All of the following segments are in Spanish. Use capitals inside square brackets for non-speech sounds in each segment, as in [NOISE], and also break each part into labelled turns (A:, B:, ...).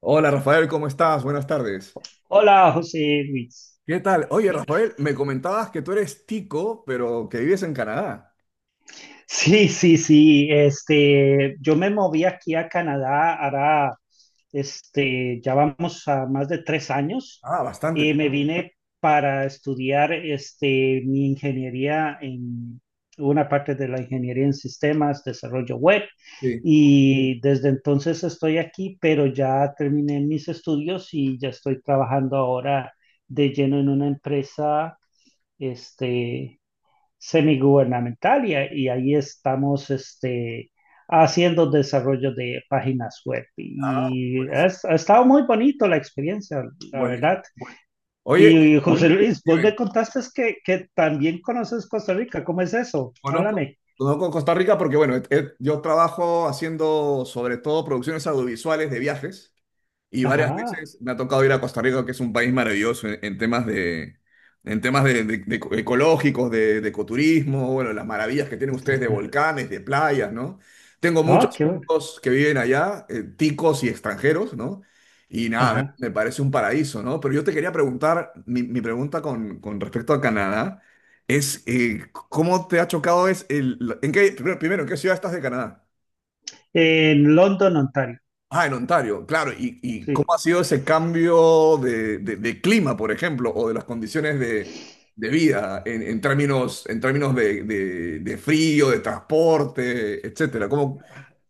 A: Hola Rafael, ¿cómo estás? Buenas tardes.
B: Hola, José Luis.
A: ¿Qué tal? Oye, Rafael, me comentabas que tú eres tico. Pero que vives en Canadá.
B: Sí, sí, sí. Yo me moví aquí a Canadá, ahora, ya vamos a más de 3 años
A: Ah, bastante.
B: y me vine para estudiar, mi ingeniería en una parte de la ingeniería en sistemas, desarrollo web,
A: Sí.
B: y desde entonces estoy aquí, pero ya terminé mis estudios y ya estoy trabajando ahora de lleno en una empresa, este semigubernamental, y ahí estamos, haciendo desarrollo de páginas web.
A: Ah,
B: Y
A: buenísimo.
B: ha estado muy bonito la experiencia, la
A: Buenísimo.
B: verdad.
A: Oye,
B: Y, José Oye, Luis, vos
A: dime,
B: me contaste que, también conoces Costa Rica. ¿Cómo es eso?
A: conozco.
B: Háblame.
A: Conozco Costa Rica porque, bueno, yo trabajo haciendo sobre todo producciones audiovisuales de viajes. Y varias
B: Ajá.
A: veces me ha tocado ir a Costa Rica, que es un país maravilloso en temas de, en temas de, de ecológicos, de ecoturismo, bueno, las maravillas que tienen ustedes de volcanes, de playas, ¿no? Tengo
B: Ah,
A: muchos
B: qué bueno.
A: amigos que viven allá, ticos y extranjeros, ¿no? Y nada,
B: Ajá.
A: me parece un paraíso, ¿no? Pero yo te quería preguntar, mi pregunta con respecto a Canadá es, ¿cómo te ha chocado es el, en qué, primero, ¿en qué ciudad estás de Canadá?
B: En London, Ontario.
A: Ah, en Ontario, claro. Y cómo
B: Sí.
A: ha sido ese cambio de, de clima, por ejemplo, o de las condiciones de vida en términos de, de frío, de transporte, etcétera? ¿Cómo,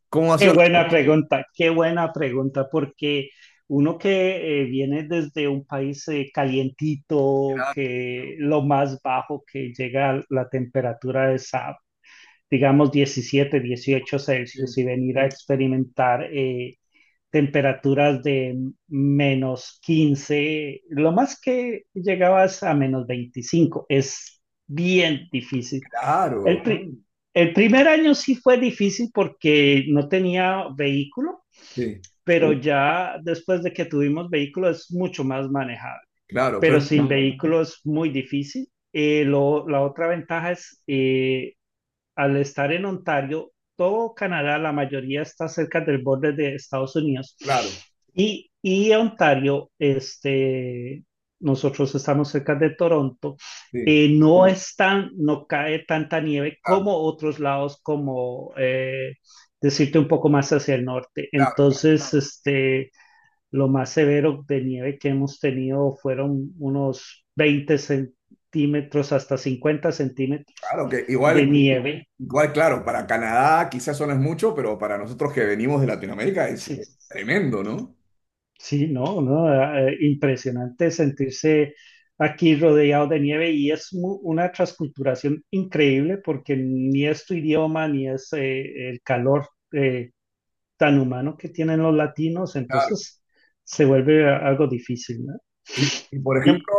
A: cómo ha sido la...
B: Qué buena pregunta, porque uno que, viene desde un país, calientito,
A: Claro,
B: que lo más bajo que llega a la temperatura es a, digamos, diecisiete, dieciocho
A: sí,
B: Celsius y venir a experimentar, temperaturas de -15, lo más que llegabas a -25, es bien difícil. El,
A: claro,
B: pri- el primer año sí fue difícil porque no tenía vehículo,
A: sí,
B: pero sí, ya después de que tuvimos vehículo es mucho más manejable.
A: claro,
B: Pero
A: pero,
B: sin, ah, vehículo es muy difícil. La otra ventaja es, al estar en Ontario, todo Canadá, la mayoría está cerca del borde de Estados Unidos.
A: claro,
B: Y Ontario, nosotros estamos cerca de Toronto,
A: sí,
B: no es tan, no cae tanta nieve
A: claro,
B: como otros lados, como, decirte un poco más hacia el norte.
A: claro,
B: Entonces, lo más severo de nieve que hemos tenido fueron unos 20 centímetros hasta 50 centímetros
A: claro, que
B: de
A: igual,
B: nieve.
A: igual, claro, para Canadá quizás eso no es mucho, pero para nosotros que venimos de Latinoamérica
B: Sí,
A: es tremendo, ¿no?
B: sí, no, no, impresionante sentirse aquí rodeado de nieve, y es una transculturación increíble porque ni es tu idioma, ni es, el calor, tan humano que tienen los latinos.
A: Claro.
B: Entonces se vuelve algo difícil, ¿no?
A: Y, por
B: Y,
A: ejemplo,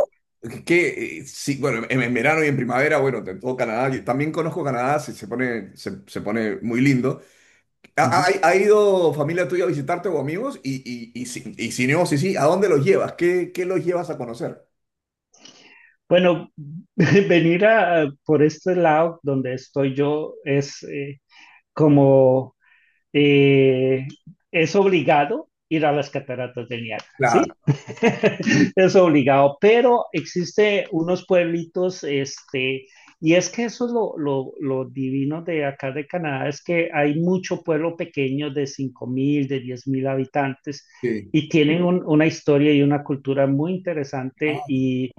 A: que sí, bueno, en verano y en primavera, bueno, en todo Canadá, yo también conozco Canadá, se pone, se pone muy lindo. ¿Ha,
B: ujú,
A: ha ido familia tuya a visitarte o amigos? Y si no, sí, sí, ¿a dónde los llevas? ¿Qué, qué los llevas a conocer?
B: bueno, [LAUGHS] venir por este lado donde estoy yo es, como, eh, es obligado ir a las cataratas del Niágara,
A: Claro,
B: ¿sí? [LAUGHS] Es obligado, pero existe unos pueblitos, y es que eso es lo divino de acá de Canadá, es que hay mucho pueblo pequeño de 5000, de 10.000 habitantes,
A: sí.
B: y tienen una historia y una cultura muy interesante.
A: Ah,
B: Y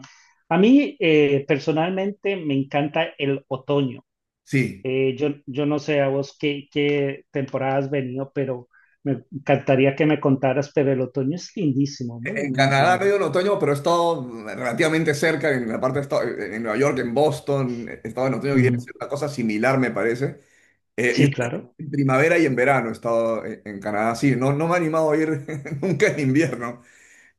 B: a mí, personalmente me encanta el otoño.
A: sí.
B: Yo no sé a vos qué, temporada has venido, pero me encantaría que me contaras, pero el otoño es lindísimo, muy,
A: En
B: muy
A: Canadá
B: lindo.
A: medio en otoño, pero he estado relativamente cerca, en la parte de en Nueva York, en Boston, he estado en otoño y
B: Mm,
A: es una cosa similar, me parece. Yo
B: sí, claro.
A: en primavera y en verano he estado en Canadá, sí, no, no me he animado a ir [LAUGHS] nunca en invierno.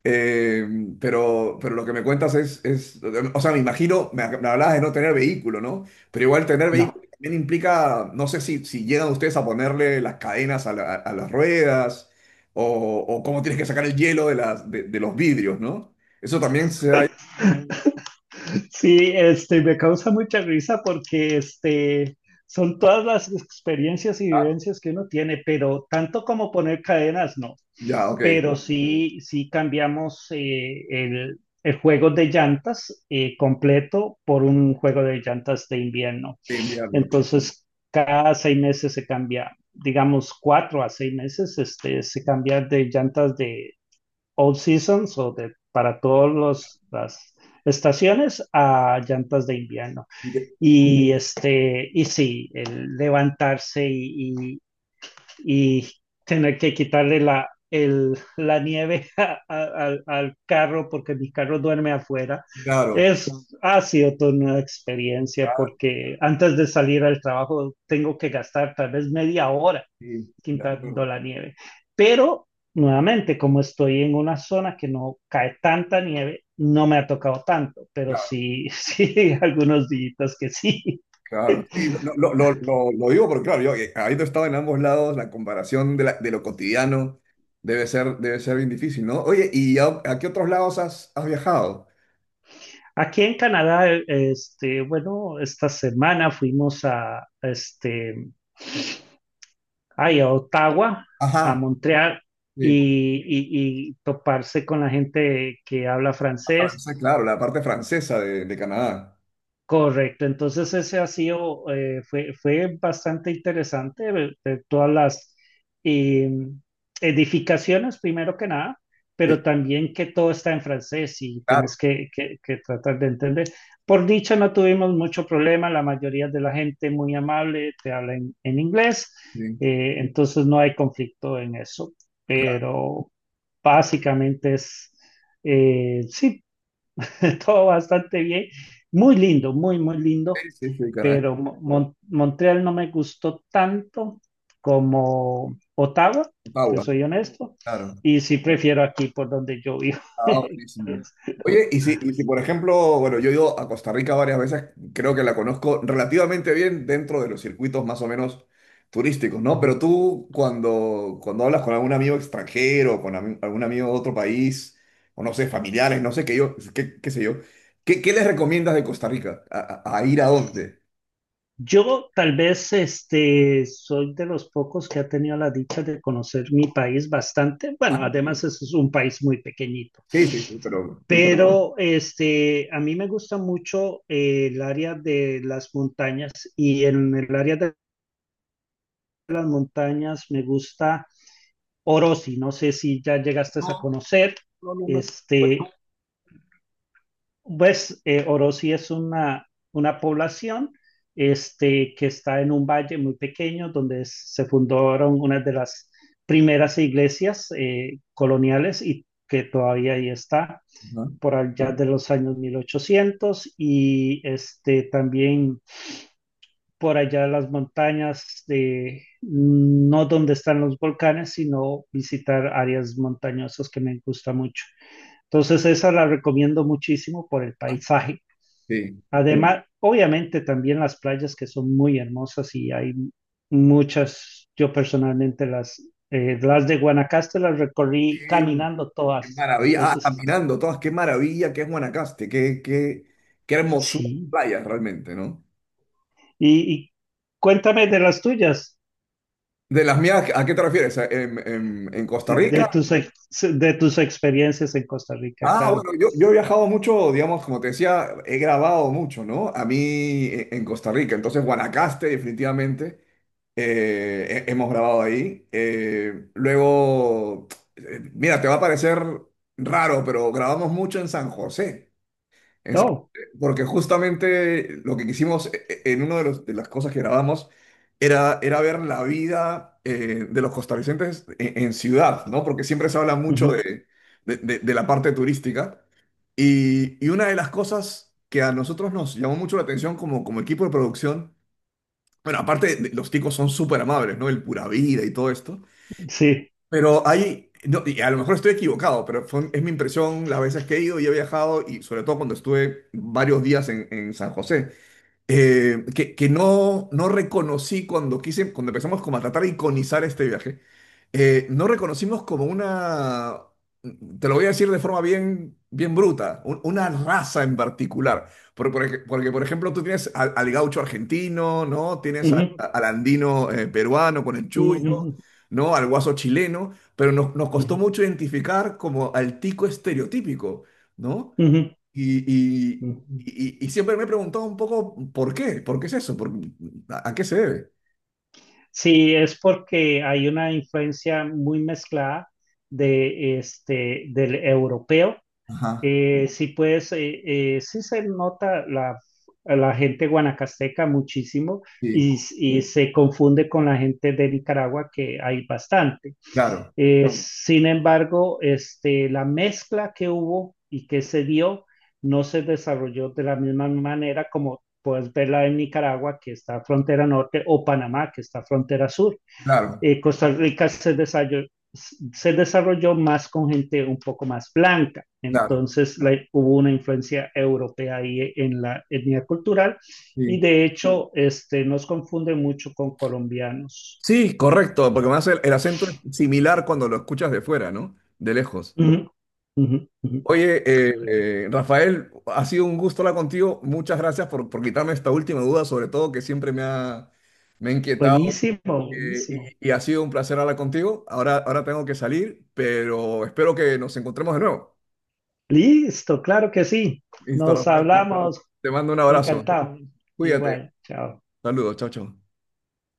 A: Eh, pero lo que me cuentas es, o sea, me imagino, me hablabas de no tener vehículo, ¿no? Pero igual tener vehículo
B: No.
A: también implica, no sé si, si llegan ustedes a ponerle las cadenas a, a las ruedas o cómo tienes que sacar el hielo de, las, de los vidrios, ¿no? Eso también se da...
B: [LAUGHS] Sí, me causa mucha risa porque, son todas las experiencias y
A: Ah,
B: vivencias que uno tiene, pero tanto como poner cadenas, no.
A: ya, ok,
B: Pero sí, sí cambiamos, el juego de llantas, completo, por un juego de llantas de invierno.
A: sí, invierno.
B: Entonces, cada 6 meses se cambia, digamos, 4 a 6 meses, se cambia de llantas de all seasons o de para todas las estaciones a llantas de invierno.
A: Y que-
B: Y sí, el levantarse y, y tener que quitarle la nieve [LAUGHS] al carro, porque mi carro duerme afuera.
A: Claro,
B: Es, ha sido toda una experiencia,
A: claro,
B: porque antes de salir al trabajo tengo que gastar tal vez media hora
A: sí, de acuerdo.
B: quitando la nieve. Pero nuevamente, como estoy en una zona que no cae tanta nieve, no me ha tocado tanto, pero sí, sí, [LAUGHS] algunos días que sí.
A: Claro, sí, no,
B: [LAUGHS]
A: no, lo, digo porque, claro, yo habiendo estado en ambos lados, la comparación de, de lo cotidiano debe ser bien difícil, ¿no? Oye, ¿y a qué otros lados has, has viajado?
B: Aquí en Canadá, bueno, esta semana fuimos ay, a Ottawa, a
A: Ajá,
B: Montreal,
A: sí,
B: y toparse con la gente que habla
A: a
B: francés.
A: Francia, claro, la parte francesa de Canadá.
B: Correcto, entonces ese fue bastante interesante ver todas las, eh, edificaciones, primero que nada,
A: Sí,
B: pero también que todo está en francés y tenés
A: claro,
B: que tratar de entender. Por dicha, no tuvimos mucho problema, la mayoría de la gente muy amable te habla en inglés,
A: sí,
B: entonces no hay conflicto en eso, pero básicamente es, sí, [LAUGHS] todo bastante bien. Muy lindo, muy, muy lindo,
A: sí, sí, sí, Canadá,
B: pero Montreal no me gustó tanto como Ottawa, te
A: Ottawa,
B: soy honesto,
A: claro.
B: y sí prefiero aquí por donde yo vivo.
A: Ah,
B: [LAUGHS]
A: buenísimo. Oye, y si por ejemplo, bueno, yo he ido a Costa Rica varias veces, creo que la conozco relativamente bien dentro de los circuitos más o menos turísticos, ¿no? Pero tú cuando, cuando hablas con algún amigo extranjero, con algún amigo de otro país, o no sé, familiares, no sé qué yo, qué, qué sé yo, ¿qué, qué les recomiendas de Costa Rica? ¿A, a ir a dónde?
B: Yo tal vez, soy de los pocos que ha tenido la dicha de conocer mi país bastante. Bueno,
A: Ah, mira.
B: además es un país muy pequeñito,
A: Sí, sí, sí, pero...
B: pero, a mí me gusta mucho, el área de las montañas, y en el área de las montañas me gusta Orosi, no sé si ya llegaste a
A: No,
B: conocer.
A: no, no,
B: Este, pues, Orosi es una población, que está en un valle muy pequeño donde se fundaron una de las primeras iglesias, coloniales, y que todavía ahí está
A: no.
B: por allá de los años 1800, y, también por allá en las montañas no donde están los volcanes, sino visitar áreas montañosas que me gusta mucho. Entonces esa la recomiendo muchísimo por el
A: Ajá. Ah,
B: paisaje. Además, sí, obviamente también las playas, que son muy hermosas y hay muchas, yo personalmente las de Guanacaste las recorrí
A: sí.
B: caminando
A: Qué
B: todas.
A: maravilla. Ah,
B: Entonces, sí,
A: caminando todas, qué maravilla que es Guanacaste, qué, qué, qué hermosura de
B: sí.
A: playas realmente, ¿no?
B: Y cuéntame de las tuyas.
A: De las mías, ¿a qué te refieres? ¿En, en Costa
B: De
A: Rica?
B: tus, ex- de tus experiencias en Costa Rica,
A: Ah,
B: claro.
A: bueno, yo he viajado mucho, digamos, como te decía, he grabado mucho, ¿no? A mí en Costa Rica, entonces Guanacaste definitivamente, hemos grabado ahí. Luego, mira, te va a parecer raro, pero grabamos mucho en San José. Exacto,
B: Oh,
A: porque justamente lo que quisimos en una de, de las cosas que grabamos era, era ver la vida de los costarricenses en ciudad, ¿no? Porque siempre se habla mucho
B: ujú,
A: de, de la parte turística. Y una de las cosas que a nosotros nos llamó mucho la atención como, como equipo de producción, bueno, los ticos son súper amables, ¿no? El pura vida y todo esto.
B: sí,
A: Pero hay, no, y a lo mejor estoy equivocado, pero es mi impresión las veces que he ido y he viajado, y sobre todo cuando estuve varios días en San José que no, no reconocí cuando quise, cuando empezamos como a tratar de iconizar este viaje, no reconocimos como una, te lo voy a decir de forma bien, bien bruta, una raza en particular. Porque, por ejemplo, tú tienes al, al gaucho argentino, ¿no? Tienes a-
B: ujú,
A: al andino peruano con el chullo,
B: ujú,
A: ¿no? Al guaso chileno, pero nos, nos costó
B: ujú,
A: mucho identificar como al tico estereotípico, ¿no?
B: ujú,
A: Y, y,
B: ujú.
A: y siempre me he preguntado un poco por qué es eso, a qué se debe.
B: Sí, es porque hay una influencia muy mezclada de este del europeo.
A: Ajá,
B: Sí, pues, sí se nota la gente guanacasteca muchísimo,
A: sí,
B: y se confunde con la gente de Nicaragua, que hay bastante.
A: claro,
B: No, sin embargo, la mezcla que hubo y que se dio no se desarrolló de la misma manera como puedes verla en Nicaragua, que está frontera norte, o Panamá, que está frontera sur.
A: claro,
B: Costa Rica se desarrolló, más con gente un poco más blanca,
A: claro,
B: entonces hubo una influencia europea ahí en la etnia cultural, y
A: sí.
B: de hecho, nos confunde mucho con colombianos.
A: Sí, correcto, porque más el acento es similar cuando lo escuchas de fuera, ¿no? De lejos.
B: Ujú, ujú, ujú.
A: Oye, eh, Rafael, ha sido un gusto hablar contigo. Muchas gracias por quitarme esta última duda, sobre todo que siempre me ha inquietado
B: Buenísimo, buenísimo.
A: y ha sido un placer hablar contigo. Ahora, ahora tengo que salir, pero espero que nos encontremos de nuevo.
B: Listo, claro que sí.
A: Listo,
B: Nos
A: Rafael.
B: hablamos.
A: Te mando un abrazo.
B: Encantado.
A: Cuídate.
B: Igual, chao.
A: Saludos. Chao, chao.